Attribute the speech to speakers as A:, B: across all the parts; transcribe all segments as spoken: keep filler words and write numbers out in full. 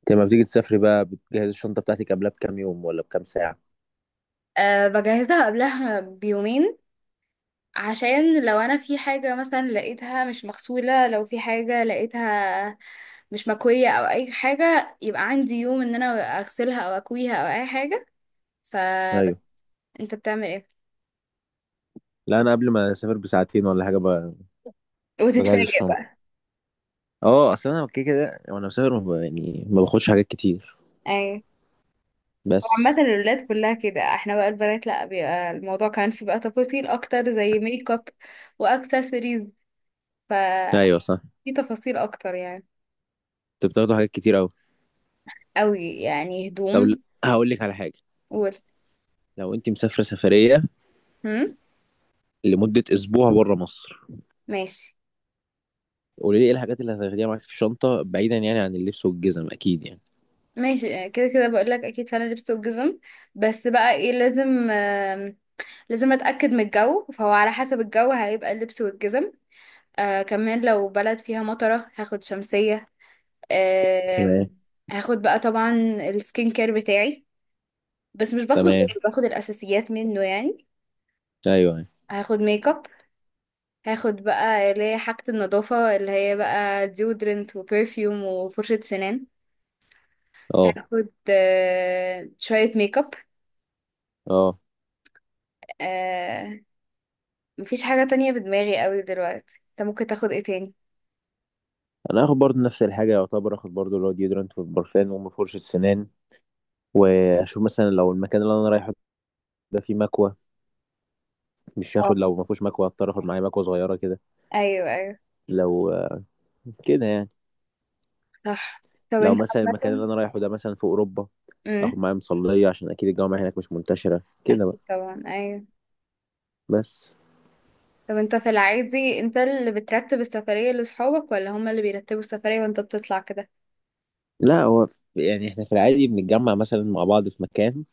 A: انت لما بتيجي تسافري بقى بتجهز الشنطة بتاعتك قبلها بكام يوم ولا بكام ساعة؟
B: أه بجهزها قبلها بيومين، عشان لو انا في حاجة مثلا لقيتها مش مغسولة، لو في حاجة لقيتها مش مكوية او اي حاجة، يبقى عندي يوم ان انا اغسلها او اكويها او اي حاجة.
A: ايوه.
B: فبس. انت بتعمل ايه؟
A: لا انا قبل ما اسافر بساعتين ولا حاجة ب- بجهز
B: وتتفاجئ
A: الشنطة.
B: بقى.
A: اه اصل انا كده كده وانا مسافر ما ب- يعني ما باخدش حاجات كتير
B: ايوه. هو
A: بس.
B: عامة الولاد كلها كده، احنا بقى البنات لا، بيبقى الموضوع كمان في بقى تفاصيل اكتر زي ميك اب واكسسوارز.
A: ايوه
B: ففي
A: صح.
B: تفاصيل اكتر يعني.
A: انت بتاخدوا حاجات كتير اوي.
B: قوي يعني
A: طب ل-
B: هدوم.
A: هقول لك على حاجة.
B: قول.
A: لو انت مسافرة سفرية
B: هم.
A: لمدة اسبوع بره مصر،
B: ماشي.
A: قولي لي ايه الحاجات اللي هتاخديها معاك في الشنطة بعيدا يعني عن اللبس والجزم اكيد يعني.
B: ماشي. آه، كده كده بقول لك اكيد فعلا لبس وجزم. بس بقى ايه لازم، آم، لازم اتاكد من الجو، فهو على حسب الجو هيبقى اللبس والجزم. آه كمان لو بلد فيها مطره هاخد شمسيه. آم،
A: تمام.
B: هاخد بقى طبعا السكين كير بتاعي، بس مش باخده
A: تمام.
B: كله، باخد الاساسيات منه يعني.
A: ايوه.
B: هاخد ميك اب. هاخد بقى اللي هي حاجه النظافه، اللي هي بقى ديودرنت وبرفيوم وفرشه سنان.
A: اه.
B: هاخد آه، شويه ميك
A: اه
B: اب. مفيش حاجة تانية في دماغي قوي دلوقتي، انت ممكن تاخد ايه تاني؟
A: انا هاخد برضو نفس الحاجة، يعتبر اخد برضو اللي هو ديودرنت والبرفان وام فرشة سنان. واشوف مثلا لو المكان اللي انا رايحه ده فيه مكوى مش هاخد،
B: اه.
A: لو ما فيهوش مكوى هضطر اخد معايا مكوى صغيره كده.
B: ايوه. ايوه
A: لو آه، كده يعني.
B: صح. طب
A: لو
B: انت.
A: مثلا المكان اللي
B: عامة.
A: انا رايحه ده مثلا في اوروبا اخد
B: امم.
A: معايا مصليه عشان اكيد الجامعه هناك مش منتشره كده بقى.
B: اكيد طبعا، ايوه.
A: بس.
B: طب انت في العادي انت اللي بترتب السفرية لصحابك، ولا هما اللي بيرتبوا السفرية وانت بتطلع كده؟
A: لا هو يعني احنا في العادي بنتجمع مثلا مع بعض في مكان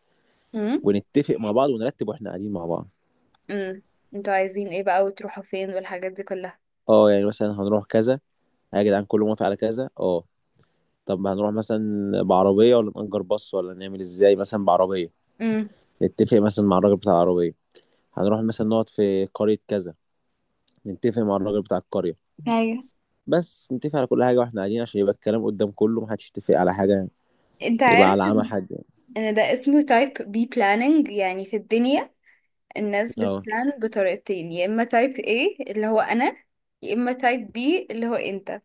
B: امم.
A: ونتفق مع بعض ونرتب واحنا قاعدين مع بعض.
B: امم. انتوا عايزين ايه بقى، وتروحوا فين، والحاجات دي كلها؟
A: اه يعني مثلا هنروح كذا، يا جدعان كله موافق على كذا. اه طب هنروح مثلا بعربيه ولا نأجر باص ولا نعمل ازاي، مثلا بعربيه
B: امم.
A: نتفق مثلا مع الراجل بتاع العربيه، هنروح مثلا نقعد في قرية كذا نتفق مع الراجل بتاع القرية.
B: ايوه.
A: بس نتفق على كل حاجة واحنا قاعدين عشان يبقى الكلام قدام كله، محدش يتفق على حاجة
B: انت
A: يبقى
B: عارف
A: على عمى حد يعني.
B: ان ده اسمه تايب بي planning يعني؟ في الدنيا الناس
A: اه
B: بتبلان بطريقتين، يا اما تايب A اللي هو انا، يا اما تايب B اللي هو انت.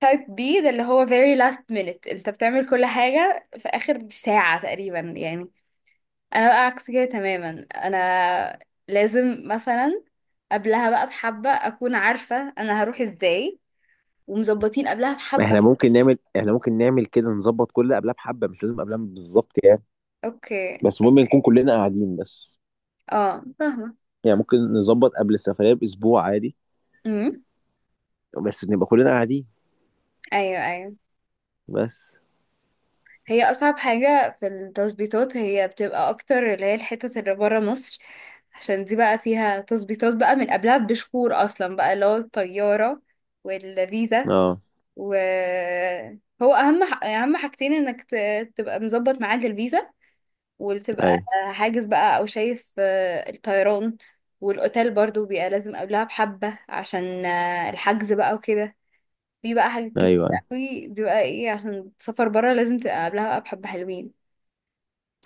B: تايب بي ده اللي هو very last minute، انت بتعمل كل حاجة في آخر ساعة تقريبا يعني. انا بقى عكس كده تماما. انا لازم مثلا قبلها بقى بحبة اكون عارفة انا هروح ازاي، ومظبطين قبلها
A: ما
B: بحبة.
A: احنا ممكن نعمل، احنا ممكن نعمل كده، نظبط كل قبلها بحبه مش لازم قبلها بالظبط يعني.
B: اوكي.
A: بس المهم نكون كلنا قاعدين بس.
B: اه فاهمة.
A: يعني ممكن نظبط قبل السفرية بأسبوع عادي،
B: امم.
A: بس نبقى كلنا قاعدين.
B: ايوه. ايوه.
A: بس.
B: هي اصعب حاجة في التظبيطات هي بتبقى اكتر اللي هي الحتت اللي برا مصر، عشان دي بقى فيها تظبيطات بقى من قبلها بشهور اصلا، بقى اللي هو الطيارة والفيزا.
A: اه.
B: وهو اهم ح- اهم حاجتين انك ت- تبقى مظبط ميعاد الفيزا، وتبقى
A: ايوه
B: حاجز بقى، او شايف آه، الطيران. والاوتيل برضو بيبقى لازم قبلها بحبة عشان آه، الحجز بقى وكده. في بقى حاجات
A: ايوه.
B: كتير
A: ايوه
B: قوي دي بقى، ايه، عشان تسافر برا لازم تبقى قبلها بقى بحبة حلوين.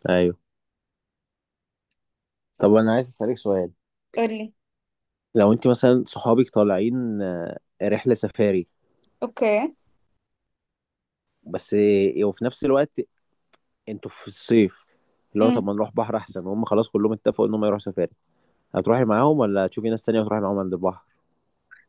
A: ايوه. طب انا عايز اسالك سؤال.
B: قولي.
A: لو انت مثلا صحابك طالعين آه، رحله سفاري،
B: اوكي.
A: بس آه، وفي نفس الوقت انتوا في الصيف، اللي هو طب
B: مم.
A: ما نروح بحر احسن، هم خلاص كلهم اتفقوا ان هم يروحوا سفاري، هتروحي معاهم ولا تشوفي ناس تانية وتروحي معاهم عند البحر؟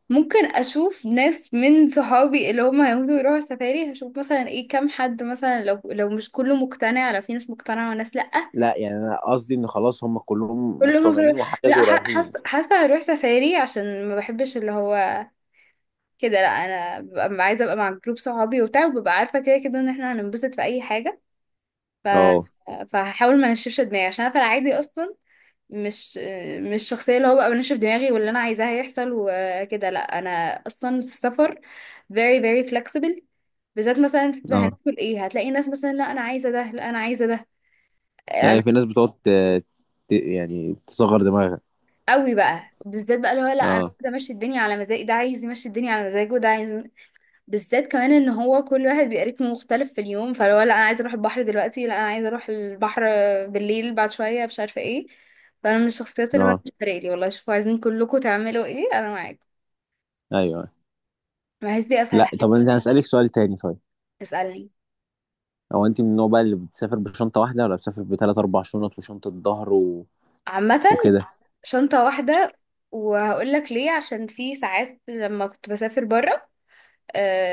B: ممكن اشوف ناس من صحابي اللي هم هيموتوا يروحوا السفاري، هشوف مثلا ايه، كام حد مثلا، لو لو مش كله مقتنع، لو في ناس مقتنعة وناس لأ.
A: لا يعني انا قصدي ان خلاص هم كلهم
B: كله مصر.
A: مقتنعين وحجزوا
B: لا، ح- حاسه
A: ورايحين.
B: حاسه هروح سفاري، عشان ما بحبش اللي هو كده. لا، انا ببقى عايزه ابقى مع جروب صحابي وبتاع، وببقى عارفه كده كده ان احنا هننبسط في اي حاجه. ف
A: اه.
B: فهحاول ما انشفش دماغي، عشان انا في العادي اصلا مش مش شخصيه اللي هو بقى بنشف دماغي، واللي انا عايزاه هيحصل وكده. لا، انا اصلا في السفر very very flexible، بالذات مثلا في
A: اه
B: هناكل ايه، هتلاقي ناس مثلا لا انا عايزه ده، لا انا عايزه ده
A: يعني في ناس بتقعد ت- ت- يعني تصغر دماغها.
B: قوي بقى، بالذات بقى اللي هو لا انا
A: اه.
B: عايزه امشي الدنيا على مزاجي، ده عايز يمشي الدنيا على مزاجه، وده عايز، بالذات كمان ان هو كل واحد بيبقى رتمه مختلف في اليوم، فلو لا انا عايزه اروح البحر دلوقتي، لا انا عايزه اروح البحر بالليل بعد شويه، مش عارفه ايه. فانا من الشخصيات اللي هو
A: اه
B: مش فارق لي، والله شوفوا عايزين كلكم تعملوا ايه انا معاكم.
A: ايوه.
B: بحس دي اسهل
A: لا طب
B: حاجه.
A: انا هسألك سؤال تاني طيب.
B: تسالني.
A: هو انت من النوع بقى اللي بتسافر بشنطة واحدة ولا بتسافر بثلاث اربع شنط وشنطة ظهر و...
B: عامه
A: وكده.
B: شنطه واحده، وهقول لك ليه، عشان في ساعات لما كنت بسافر بره.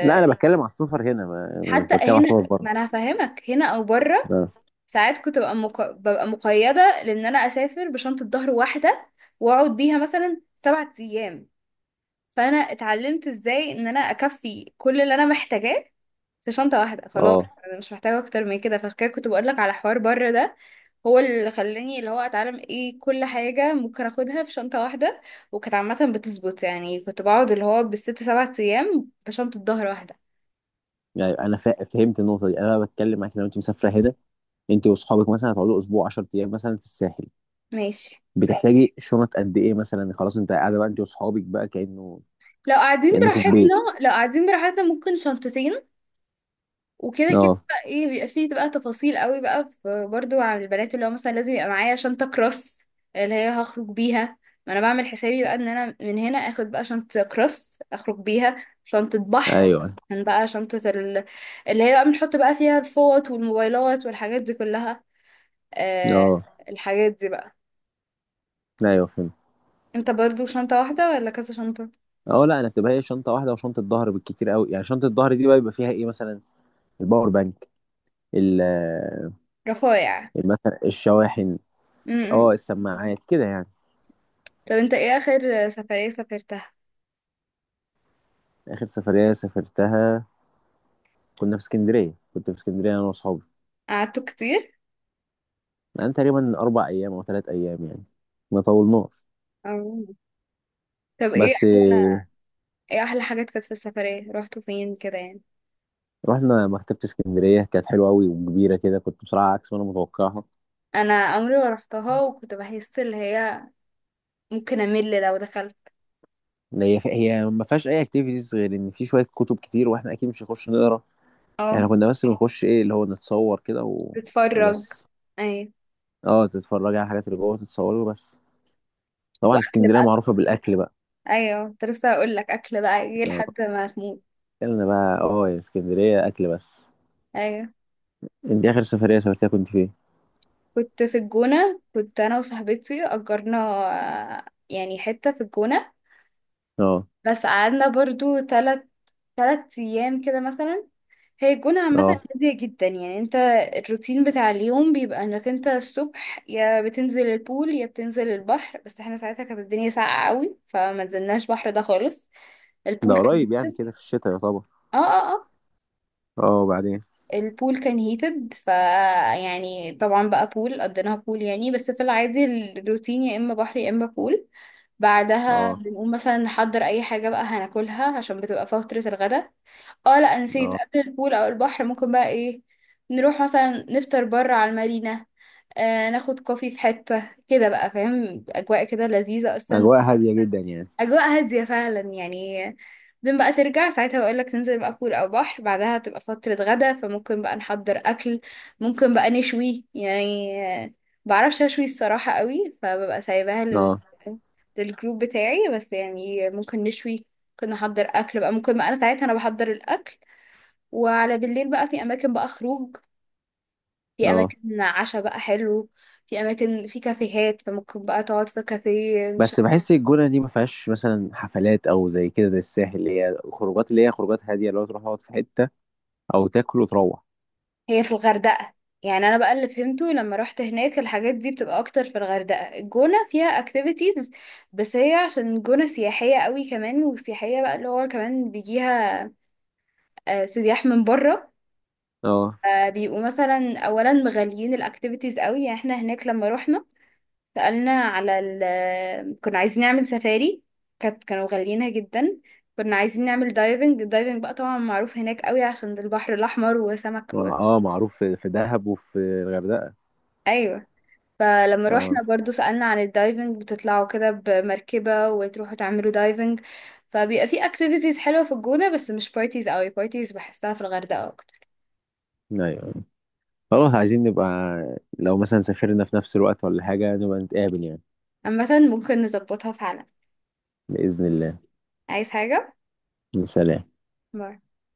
A: لا انا بتكلم على السفر هنا ما... مش
B: حتى
A: بتكلم على
B: هنا،
A: السفر بره.
B: ما انا هفهمك هنا او بره.
A: اه.
B: ساعات كنت ببقى مق... ببقى مقيدة، لأن أنا أسافر بشنطة ظهر واحدة، وأقعد بيها مثلا سبعة أيام، فأنا اتعلمت إزاي إن أنا أكفي كل اللي أنا محتاجاه في شنطة واحدة خلاص.
A: اه
B: أنا مش محتاجة أكتر من كده، فعشان كده كنت بقولك على حوار بره ده، هو اللي خلاني اللي هو أتعلم إيه كل حاجة ممكن أخدها في شنطة واحدة. وكانت عامة بتظبط يعني، كنت بقعد اللي هو بالست سبعة أيام بشنطة ظهر واحدة.
A: يعني انا فا- فهمت النقطه دي، انا بتكلم معاك لو انت مسافره هنا انت واصحابك مثلا هتقعدوا اسبوع عشرة ايام مثلا في الساحل،
B: ماشي.
A: بتحتاجي شنط قد ايه مثلا، خلاص انت قاعده بقى انت واصحابك بقى كانه
B: لو قاعدين
A: كانكم في
B: براحتنا
A: بيت.
B: لو قاعدين براحتنا ممكن شنطتين، وكده كده
A: اه.
B: بقى ايه بيبقى فيه بقى تفاصيل قوي بقى، في برضو عن البنات اللي هو مثلا لازم يبقى معايا شنطة كروس اللي هي هخرج بيها. ما انا بعمل حسابي بقى ان انا من هنا اخد بقى شنطة كروس اخرج بيها، شنطة بحر،
A: ايوه.
B: كان بقى شنطة ال... اللي هي بقى بنحط بقى فيها الفوط والموبايلات والحاجات دي كلها، آه.
A: اه.
B: الحاجات دي بقى.
A: ايوه فهمت.
B: انت برضو شنطة واحدة ولا كذا شنطة؟
A: اه لا انا بتبقى هي شنطه واحده وشنطه ظهر بالكتير قوي، يعني شنطه الظهر دي بقى بيبقى فيها ايه مثلا، الباور بانك، ال-
B: رفايع.
A: ال- مثلا الشواحن، اه
B: م-م.
A: السماعات كده يعني.
B: طب انت ايه اخر سفرية سافرتها؟
A: اخر سفريه سافرتها كنا في اسكندريه، كنت في اسكندريه انا واصحابي.
B: قعدتوا كتير؟
A: يعني تقريبا أربع أيام أو ثلاث أيام يعني، ما طولناش.
B: أو- طب ايه،
A: بس آه،
B: ايه احلى حاجات كانت في السفرية، رحتوا فين كده يعني؟
A: رحنا مكتبة اسكندرية، كانت حلوة أوي وكبيرة كده، كنت بصراحة عكس ما أنا متوقعها.
B: انا عمري ما رحتها، وكنت بحس اللي هي ممكن امل لو دخلت.
A: إن هي هي ما فيهاش أي أكتيفيتيز غير إن في شوية كتب كتير وإحنا أكيد مش هنخش نقرا.
B: اه.
A: إحنا كنا بس بنخش إيه اللي هو نتصور كده و...
B: بتفرج.
A: وبس.
B: ايوه.
A: أه تتفرج على الحاجات اللي جوه تتصور وبس. طبعا
B: واكل
A: اسكندرية
B: بقى.
A: معروفة بالأكل بقى.
B: ايوه كنت لسه هقول لك، اكل بقى ايه
A: أه
B: لحد ما تموت.
A: أكلنا بقى، أه يا اسكندرية أكل بس.
B: ايوه.
A: أنت آخر سفرية سافرتها كنت فين؟
B: كنت في الجونة، كنت انا وصاحبتي اجرنا آه، يعني حتة في الجونة.
A: أه.
B: بس قعدنا برضو تلت تلت ايام كده مثلا. هي الجونة عامة
A: أه
B: هادية جدا يعني. انت الروتين بتاع اليوم بيبقى انك انت الصبح يا بتنزل البول يا بتنزل البحر. بس احنا ساعتها كانت الدنيا ساقعة قوي، فما نزلناش بحر ده خالص.
A: ده
B: البول كان
A: قريب يعني كده في الشتاء يعتبر.
B: اه اه اه.
A: أه بعدين.
B: البول كان هيتد ف يعني، طبعا بقى بول قضيناها بول يعني، بس في العادي الروتين يا اما بحر يا اما بول. بعدها
A: اه.
B: بنقوم مثلا نحضر اي حاجة بقى هناكلها، عشان بتبقى فترة الغدا. اه لا، نسيت،
A: اه
B: قبل البول او البحر ممكن بقى ايه، نروح مثلا نفطر بره على المارينا، آه ناخد كوفي في حتة كده، بقى فاهم اجواء كده لذيذة اصلا.
A: اجواء هاديه جدا يعني.
B: اجواء هادية فعلا يعني. بعدين بقى ترجع ساعتها، بقول لك تنزل بقى بول او بحر، بعدها تبقى فترة غدا، فممكن بقى نحضر اكل، ممكن بقى نشوي يعني. آه، بعرفش اشوي الصراحة قوي، فببقى سايباها لل
A: اه.
B: للجروب بتاعي، بس يعني ممكن نشوي، ممكن نحضر اكل بقى، ممكن بقى انا ساعتها انا بحضر الاكل. وعلى بالليل بقى في اماكن بقى خروج، في
A: اه
B: اماكن عشاء بقى حلو، في اماكن في كافيهات، فممكن بقى تقعد في كافيه مش.
A: بس بحس الجونه دي ما فيهاش مثلا حفلات او زي كده زي الساحل، اللي هي خروجات، اللي هي خروجات هاديه اللي هو تروح تقعد في حته او تاكل وتروح.
B: هي في الغردقة يعني، انا بقى اللي فهمته لما رحت هناك الحاجات دي بتبقى اكتر في الغردقة. الجونة فيها اكتيفيتيز، بس هي عشان جونة سياحية قوي كمان، وسياحية بقى اللي هو كمان بيجيها آه، سياح من بره،
A: اه.
B: آه، بيبقوا مثلا اولا مغاليين الاكتيفيتيز قوي يعني. احنا هناك لما رحنا سألنا على ال كنا عايزين نعمل سفاري، كانت كانوا غاليينها جدا. كنا عايزين نعمل دايفنج، الدايفنج بقى طبعا معروف هناك قوي عشان ده البحر الأحمر وسمك و...
A: اه معروف في في دهب وفي الغردقه.
B: أيوة. فلما روحنا
A: اه
B: برضو سألنا عن الدايفنج، بتطلعوا كده بمركبة وتروحوا تعملوا دايفنج. فبيبقى في اكتيفيتيز حلوة في الجونة، بس مش بارتيز قوي، بارتيز بحسها في الغردقة أكتر.
A: ايوه خلاص عايزين نبقى، لو مثلا سافرنا في نفس الوقت ولا حاجه نبقى نتقابل يعني.
B: عامة ممكن نظبطها فعلا.
A: باذن الله.
B: عايز حاجة؟
A: سلام.